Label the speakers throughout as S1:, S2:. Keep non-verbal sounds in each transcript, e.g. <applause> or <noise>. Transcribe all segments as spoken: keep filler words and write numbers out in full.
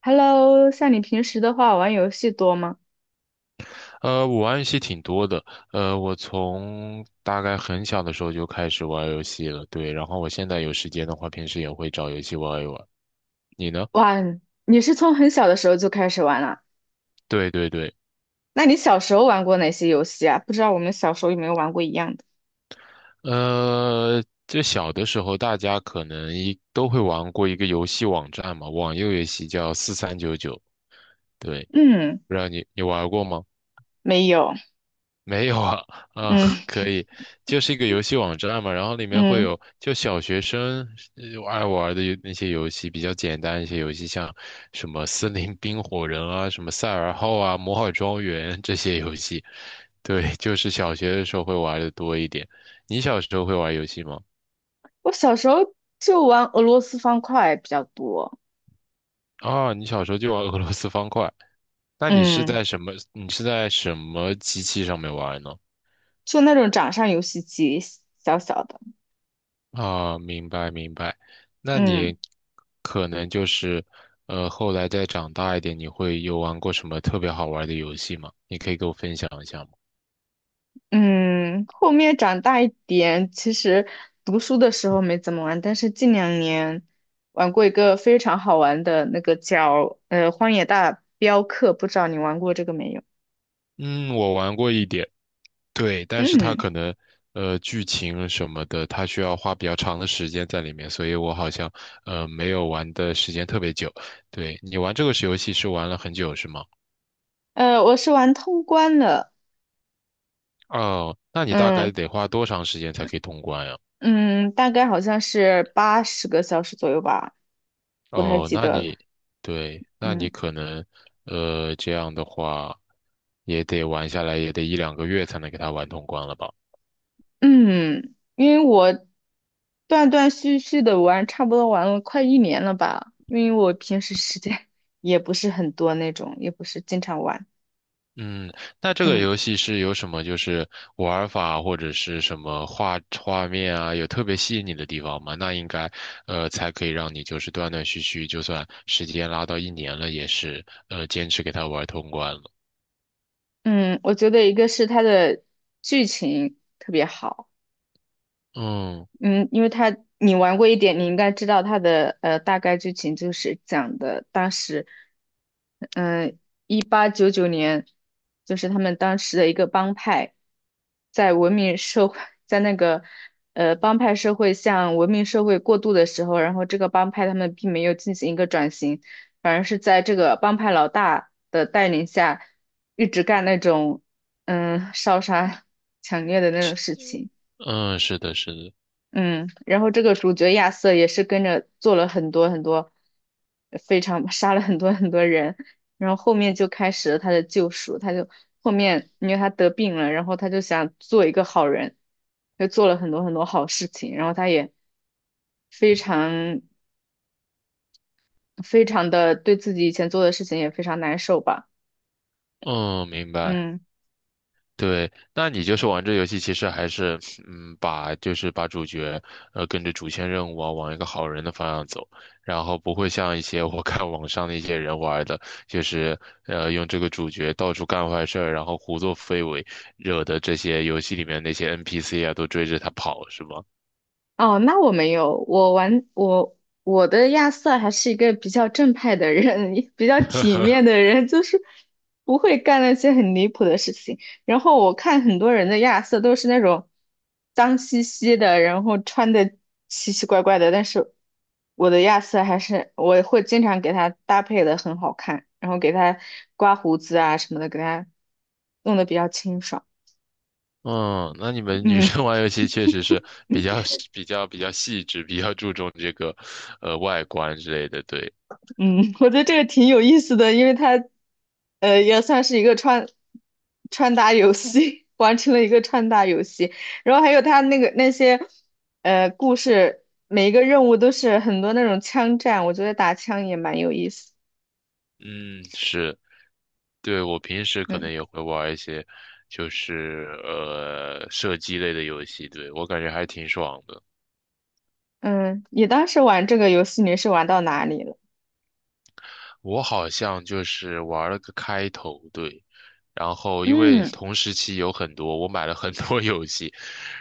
S1: Hello，像你平时的话，玩游戏多吗？
S2: 呃，我玩游戏挺多的，呃，我从大概很小的时候就开始玩游戏了，对，然后我现在有时间的话，平时也会找游戏玩一玩。你呢？
S1: 哇，你是从很小的时候就开始玩了？
S2: 对对对，
S1: 那你小时候玩过哪些游戏啊？不知道我们小时候有没有玩过一样的？
S2: 呃，这小的时候大家可能一都会玩过一个游戏网站嘛，网游游戏叫四三九九，对，
S1: 嗯，
S2: 不知道你你玩过吗？
S1: 没有。
S2: <laughs> 没有啊，啊，
S1: 嗯
S2: <laughs> 可以，就是一个游戏网站嘛，然后里面会
S1: 嗯，
S2: 有就小学生呃爱玩的那些游戏，比较简单一些游戏，像什么森林冰火人啊，什么赛尔号啊，摩尔庄园这些游戏，对，就是小学的时候会玩的多一点。你小时候会玩游戏吗？
S1: 我小时候就玩俄罗斯方块比较多。
S2: 啊，你小时候就玩 <laughs> 俄罗斯方块，那你是
S1: 嗯，
S2: 在什么？你是在什么机器上面玩呢？
S1: 就那种掌上游戏机，小小的。
S2: 啊，明白明白。那
S1: 嗯。
S2: 你可能就是，呃，后来再长大一点，你会有玩过什么特别好玩的游戏吗？你可以给我分享一下吗？
S1: 嗯，后面长大一点，其实读书的时候没怎么玩，但是近两年玩过一个非常好玩的那个叫呃《荒野大镖客》，不知道你玩过这个没有？
S2: 嗯，我玩过一点，对，但是它
S1: 嗯，
S2: 可能，呃，剧情什么的，它需要花比较长的时间在里面，所以我好像，呃，没有玩的时间特别久。对，你玩这个游戏是玩了很久是吗？
S1: 呃，我是玩通关的。
S2: 哦，那你大
S1: 嗯
S2: 概得花多长时间才可以通关呀？
S1: 嗯，大概好像是八十个小时左右吧，不太
S2: 哦，
S1: 记
S2: 那
S1: 得了。
S2: 你，对，那你
S1: 嗯。
S2: 可能，呃，这样的话，也得玩下来，也得一两个月才能给它玩通关了吧？
S1: 嗯，因为我断断续续的玩，差不多玩了快一年了吧。因为我平时时间 <laughs> 也不是很多那种，也不是经常玩。
S2: 嗯，那这个
S1: 嗯
S2: 游戏是有什么就是玩法或者是什么画画面啊，有特别吸引你的地方吗？那应该，呃，才可以让你就是断断续续，就算时间拉到一年了，也是，呃，坚持给它玩通关了。
S1: 嗯，我觉得一个是它的剧情特别好。
S2: 嗯
S1: 嗯，因为他你玩过一点，你应该知道他的呃大概剧情就是讲的当时，嗯、一八九九年，就是他们当时的一个帮派，在文明社会，在那个呃帮派社会向文明社会过渡的时候，然后这个帮派他们并没有进行一个转型，反而是在这个帮派老大的带领下，一直干那种嗯烧杀 <laughs> 抢掠的那种事情。
S2: 嗯，是的，是的，
S1: 嗯，然后这个主角亚瑟也是跟着做了很多很多，非常杀了很多很多人，然后后面就开始了他的救赎，他就后面因为他得病了，然后他就想做一个好人，就做了很多很多好事情，然后他也非常非常的对自己以前做的事情也非常难受吧。
S2: 嗯，明白。
S1: 嗯。
S2: 对，那你就是玩这游戏，其实还是，嗯，把就是把主角，呃，跟着主线任务啊，往一个好人的方向走，然后不会像一些我看网上的一些人玩的，就是，呃，用这个主角到处干坏事儿，然后胡作非为，惹的这些游戏里面那些 N P C 啊都追着他跑，是吗？
S1: 哦，那我没有，我玩我我的亚瑟还是一个比较正派的人，<laughs> 比较体
S2: <laughs>
S1: 面的人，就是不会干那些很离谱的事情。然后我看很多人的亚瑟都是那种脏兮兮的，然后穿的奇奇怪怪的，但是我的亚瑟还是我会经常给他搭配的很好看，然后给他刮胡子啊什么的，给他弄得比较清爽。
S2: 嗯，那你
S1: <laughs>
S2: 们女生
S1: 嗯。
S2: 玩游戏确实是比较比较比较细致，比较注重这个，呃，外观之类的，对。
S1: 嗯，<laughs> 我觉得这个挺有意思的，因为它，呃，也算是一个穿穿搭游戏，<laughs> 完成了一个穿搭游戏。然后还有它那个那些，呃，故事，每一个任务都是很多那种枪战，我觉得打枪也蛮有意思。
S2: 嗯，是。对，我平时可
S1: 嗯
S2: 能也会玩一些，就是呃射击类的游戏，对，我感觉还挺爽的。
S1: 嗯，你当时玩这个游戏你是玩到哪里了？
S2: 我好像就是玩了个开头，对，然后因为
S1: 嗯
S2: 同时期有很多，我买了很多 <laughs> 游戏，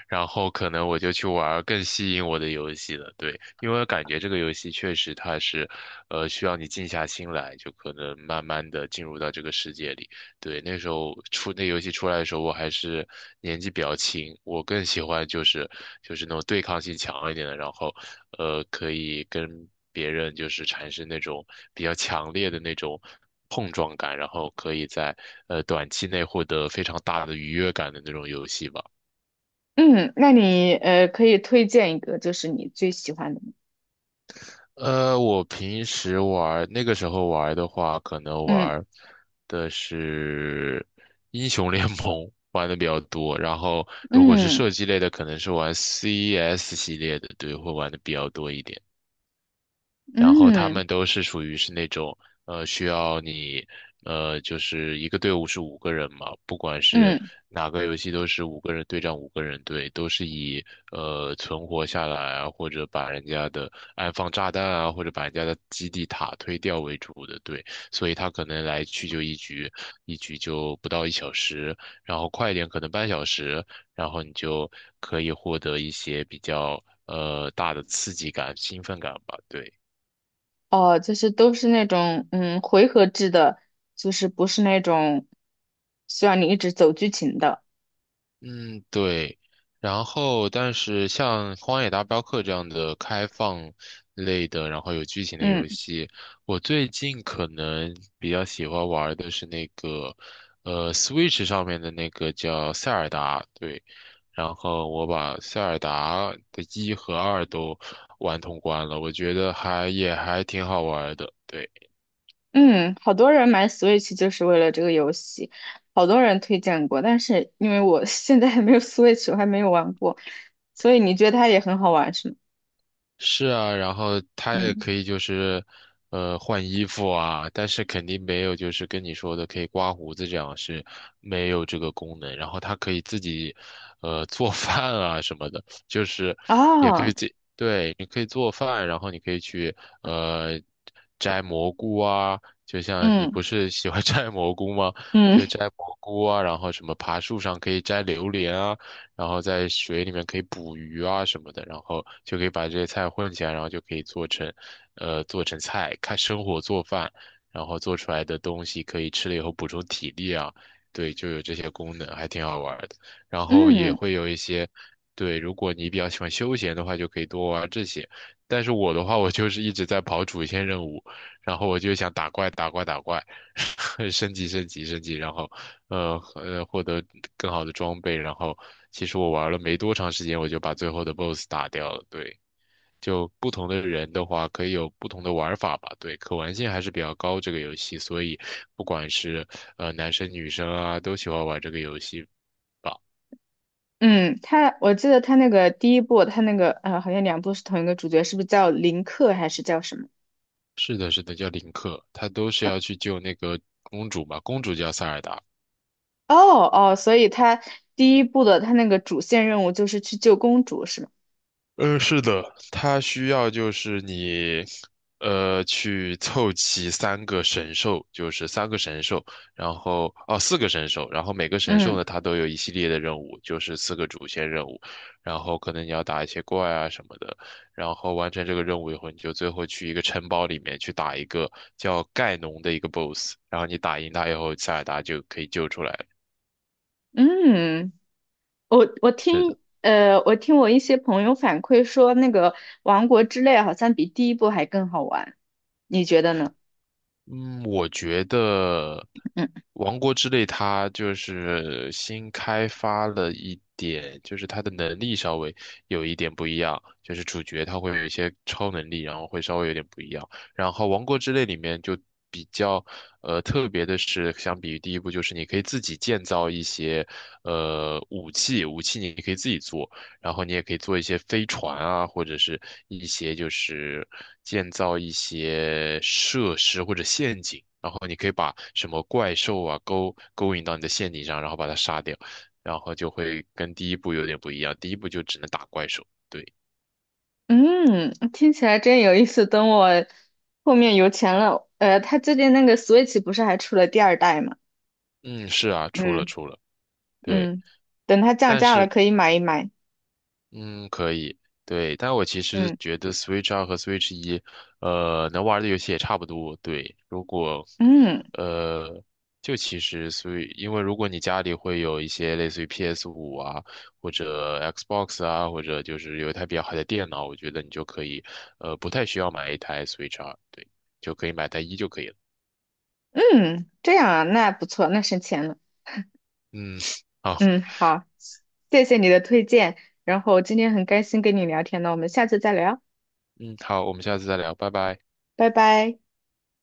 S2: 然后可能我就去玩儿更吸引我的游戏了。对，因为我感觉这个游戏确实它是，呃，需要你静下心来，就可能慢慢的进入到这个世界里。对，那时候出那游戏出来的时候，我还是年纪比较轻，我更喜欢就是就是那种对抗性强一点的，然后呃可以跟别人就是产生那种比较强烈的那种碰撞感，然后可以在呃短期内获得非常大的愉悦感的那种游戏吧。
S1: 嗯，那你呃可以推荐一个，就是你最喜欢的吗？
S2: 呃，我平时玩，那个时候玩的话，可能
S1: 嗯
S2: 玩的是英雄联盟玩的比较多，然后如果是
S1: 嗯
S2: 射击类的，可能是玩 C S 系列的，对，会玩的比较多一点。然后他
S1: 嗯
S2: 们都是属于是那种呃需要你呃就是一个队伍是五个人嘛，不管是
S1: 嗯。
S2: 哪个游戏都是五个人对战五个人队，都是以呃存活下来啊，或者把人家的安放炸弹啊，或者把人家的基地塔推掉为主的队，所以他可能来去就一局，一局就不到一小时，然后快一点可能半小时，然后你就可以获得一些比较。呃，大的刺激感、兴奋感吧，对。
S1: 哦，就是都是那种嗯回合制的，就是不是那种需要你一直走剧情的。
S2: 嗯，对。然后，但是像《荒野大镖客》这样的开放类的，然后有剧情的
S1: 嗯
S2: 游戏，我最近可能比较喜欢玩的是那个，呃，Switch 上面的那个叫《塞尔达》。对，然后我把《塞尔达》的一和二都玩通关了，我觉得还也还挺好玩的。对。
S1: 嗯，好多人买 Switch 就是为了这个游戏，好多人推荐过，但是因为我 <laughs> 现在还没有 Switch，我还没有玩过，所以你觉得它也很好玩是吗？
S2: 是啊，然后它也
S1: 嗯，
S2: 可以就是，呃，换衣服啊，但是肯定没有就是跟你说的可以刮胡子这样是没有这个功能。然后它可以自己，呃，做 <laughs> 饭啊什么的，就是也可以
S1: 哦，
S2: 自己，对，你可以做饭，然后你可以去呃摘蘑菇啊，就像你
S1: 嗯
S2: 不是喜欢 <laughs> 摘蘑菇吗？就
S1: 嗯
S2: 摘蘑菇啊，然后什么爬树上可以摘榴莲啊。然后在水里面可以捕鱼啊什么的，然后就可以把这些菜混起来，然后就可以做成，呃，做成菜，看生火做饭，然后做出来的东西可以吃了以后补充体力啊，对，就有这些功能，还挺好玩的。然后也
S1: 嗯
S2: 会有一些，对，如果你比较喜欢休闲的话，就可以多玩这些。但是我的话，我就是一直在跑主线任务，然后我就想打怪打怪打怪，<laughs> 升级升级升级，然后呃呃获得更好的装备，然后其实我玩了没多长时间，我就把最后的 BOSS 打掉了。对，就不同的人的话，可以有不同的玩法吧。对，可玩性还是比较高这个游戏，所以不管是呃男生女生啊，都喜欢玩这个游戏吧。
S1: 嗯，它我记得它那个第一部，它那个呃好像两部是同一个主角，是不是叫林克还是叫什么？
S2: 是的，是的，叫林克，他都是要去救那个公主嘛，公主叫塞尔达。
S1: 哦哦，所以他第一部的他那个主线任务就是去救公主，是吗？
S2: 嗯，是的，它需要就是你，呃，去凑齐三个神兽，就是三个神兽，然后哦，四个神兽，然后每个神兽
S1: 嗯
S2: 呢，它都有一系列的任务，就是四个主线任务，然后可能你要打一些怪啊什么的，然后完成这个任务以后，你就最后去一个城堡里面去打一个叫盖农的一个 BOSS，然后你打赢他以后，塞尔达就可以救出来。
S1: 嗯，我我
S2: 是的。
S1: 听呃，我听我一些朋友反馈说，那个《王国之泪》好像比第一部还更好玩，你觉得呢？
S2: 嗯，我觉得
S1: 嗯
S2: 《王国之泪》它就是新开发了一点，就是它的能力稍微有一点不一样，就是主角他会有一些超能力，然后会稍微有点不一样。然后《王国之泪》里面就比较呃特别的是，相比于第一部，就是你可以自己建造一些呃武器，武器你可以自己做。然后你也可以做一些飞船啊，或者是一些就是建造一些设施或者陷阱，然后你可以把什么怪兽啊勾勾引到你的陷阱上，然后把它杀掉，然后就会跟第一部有点不一样，第一部就只能打怪兽。对，
S1: 嗯，听起来真有意思。等我后面有钱了，呃，他最近那个 Switch 不是还出了第二代吗？
S2: 嗯，是啊，出了
S1: 嗯
S2: 出了，对，
S1: 嗯，等它降
S2: 但
S1: 价了
S2: 是
S1: 可以买一买。
S2: 嗯，可以，对，但我其实
S1: 嗯
S2: 觉得 Switch 二和 Switch 一，呃，能玩的游戏也差不多。对，如果，
S1: 嗯
S2: 呃，就其实 Switch，因为如果你家里会有一些类似于 p s 五啊，或者 Xbox 啊，或者就是有一台比较好的电脑，我觉得你就可以，呃，不太需要买一台 Switch 二，对，就可以买台一就可以了。
S1: 嗯，这样啊，那不错，那省钱了。
S2: 嗯，好，
S1: 嗯，好，谢谢你的推荐，然后今天很开心跟你聊天呢，我们下次再聊，
S2: 嗯，好，我们下次再聊，拜拜。
S1: 拜拜。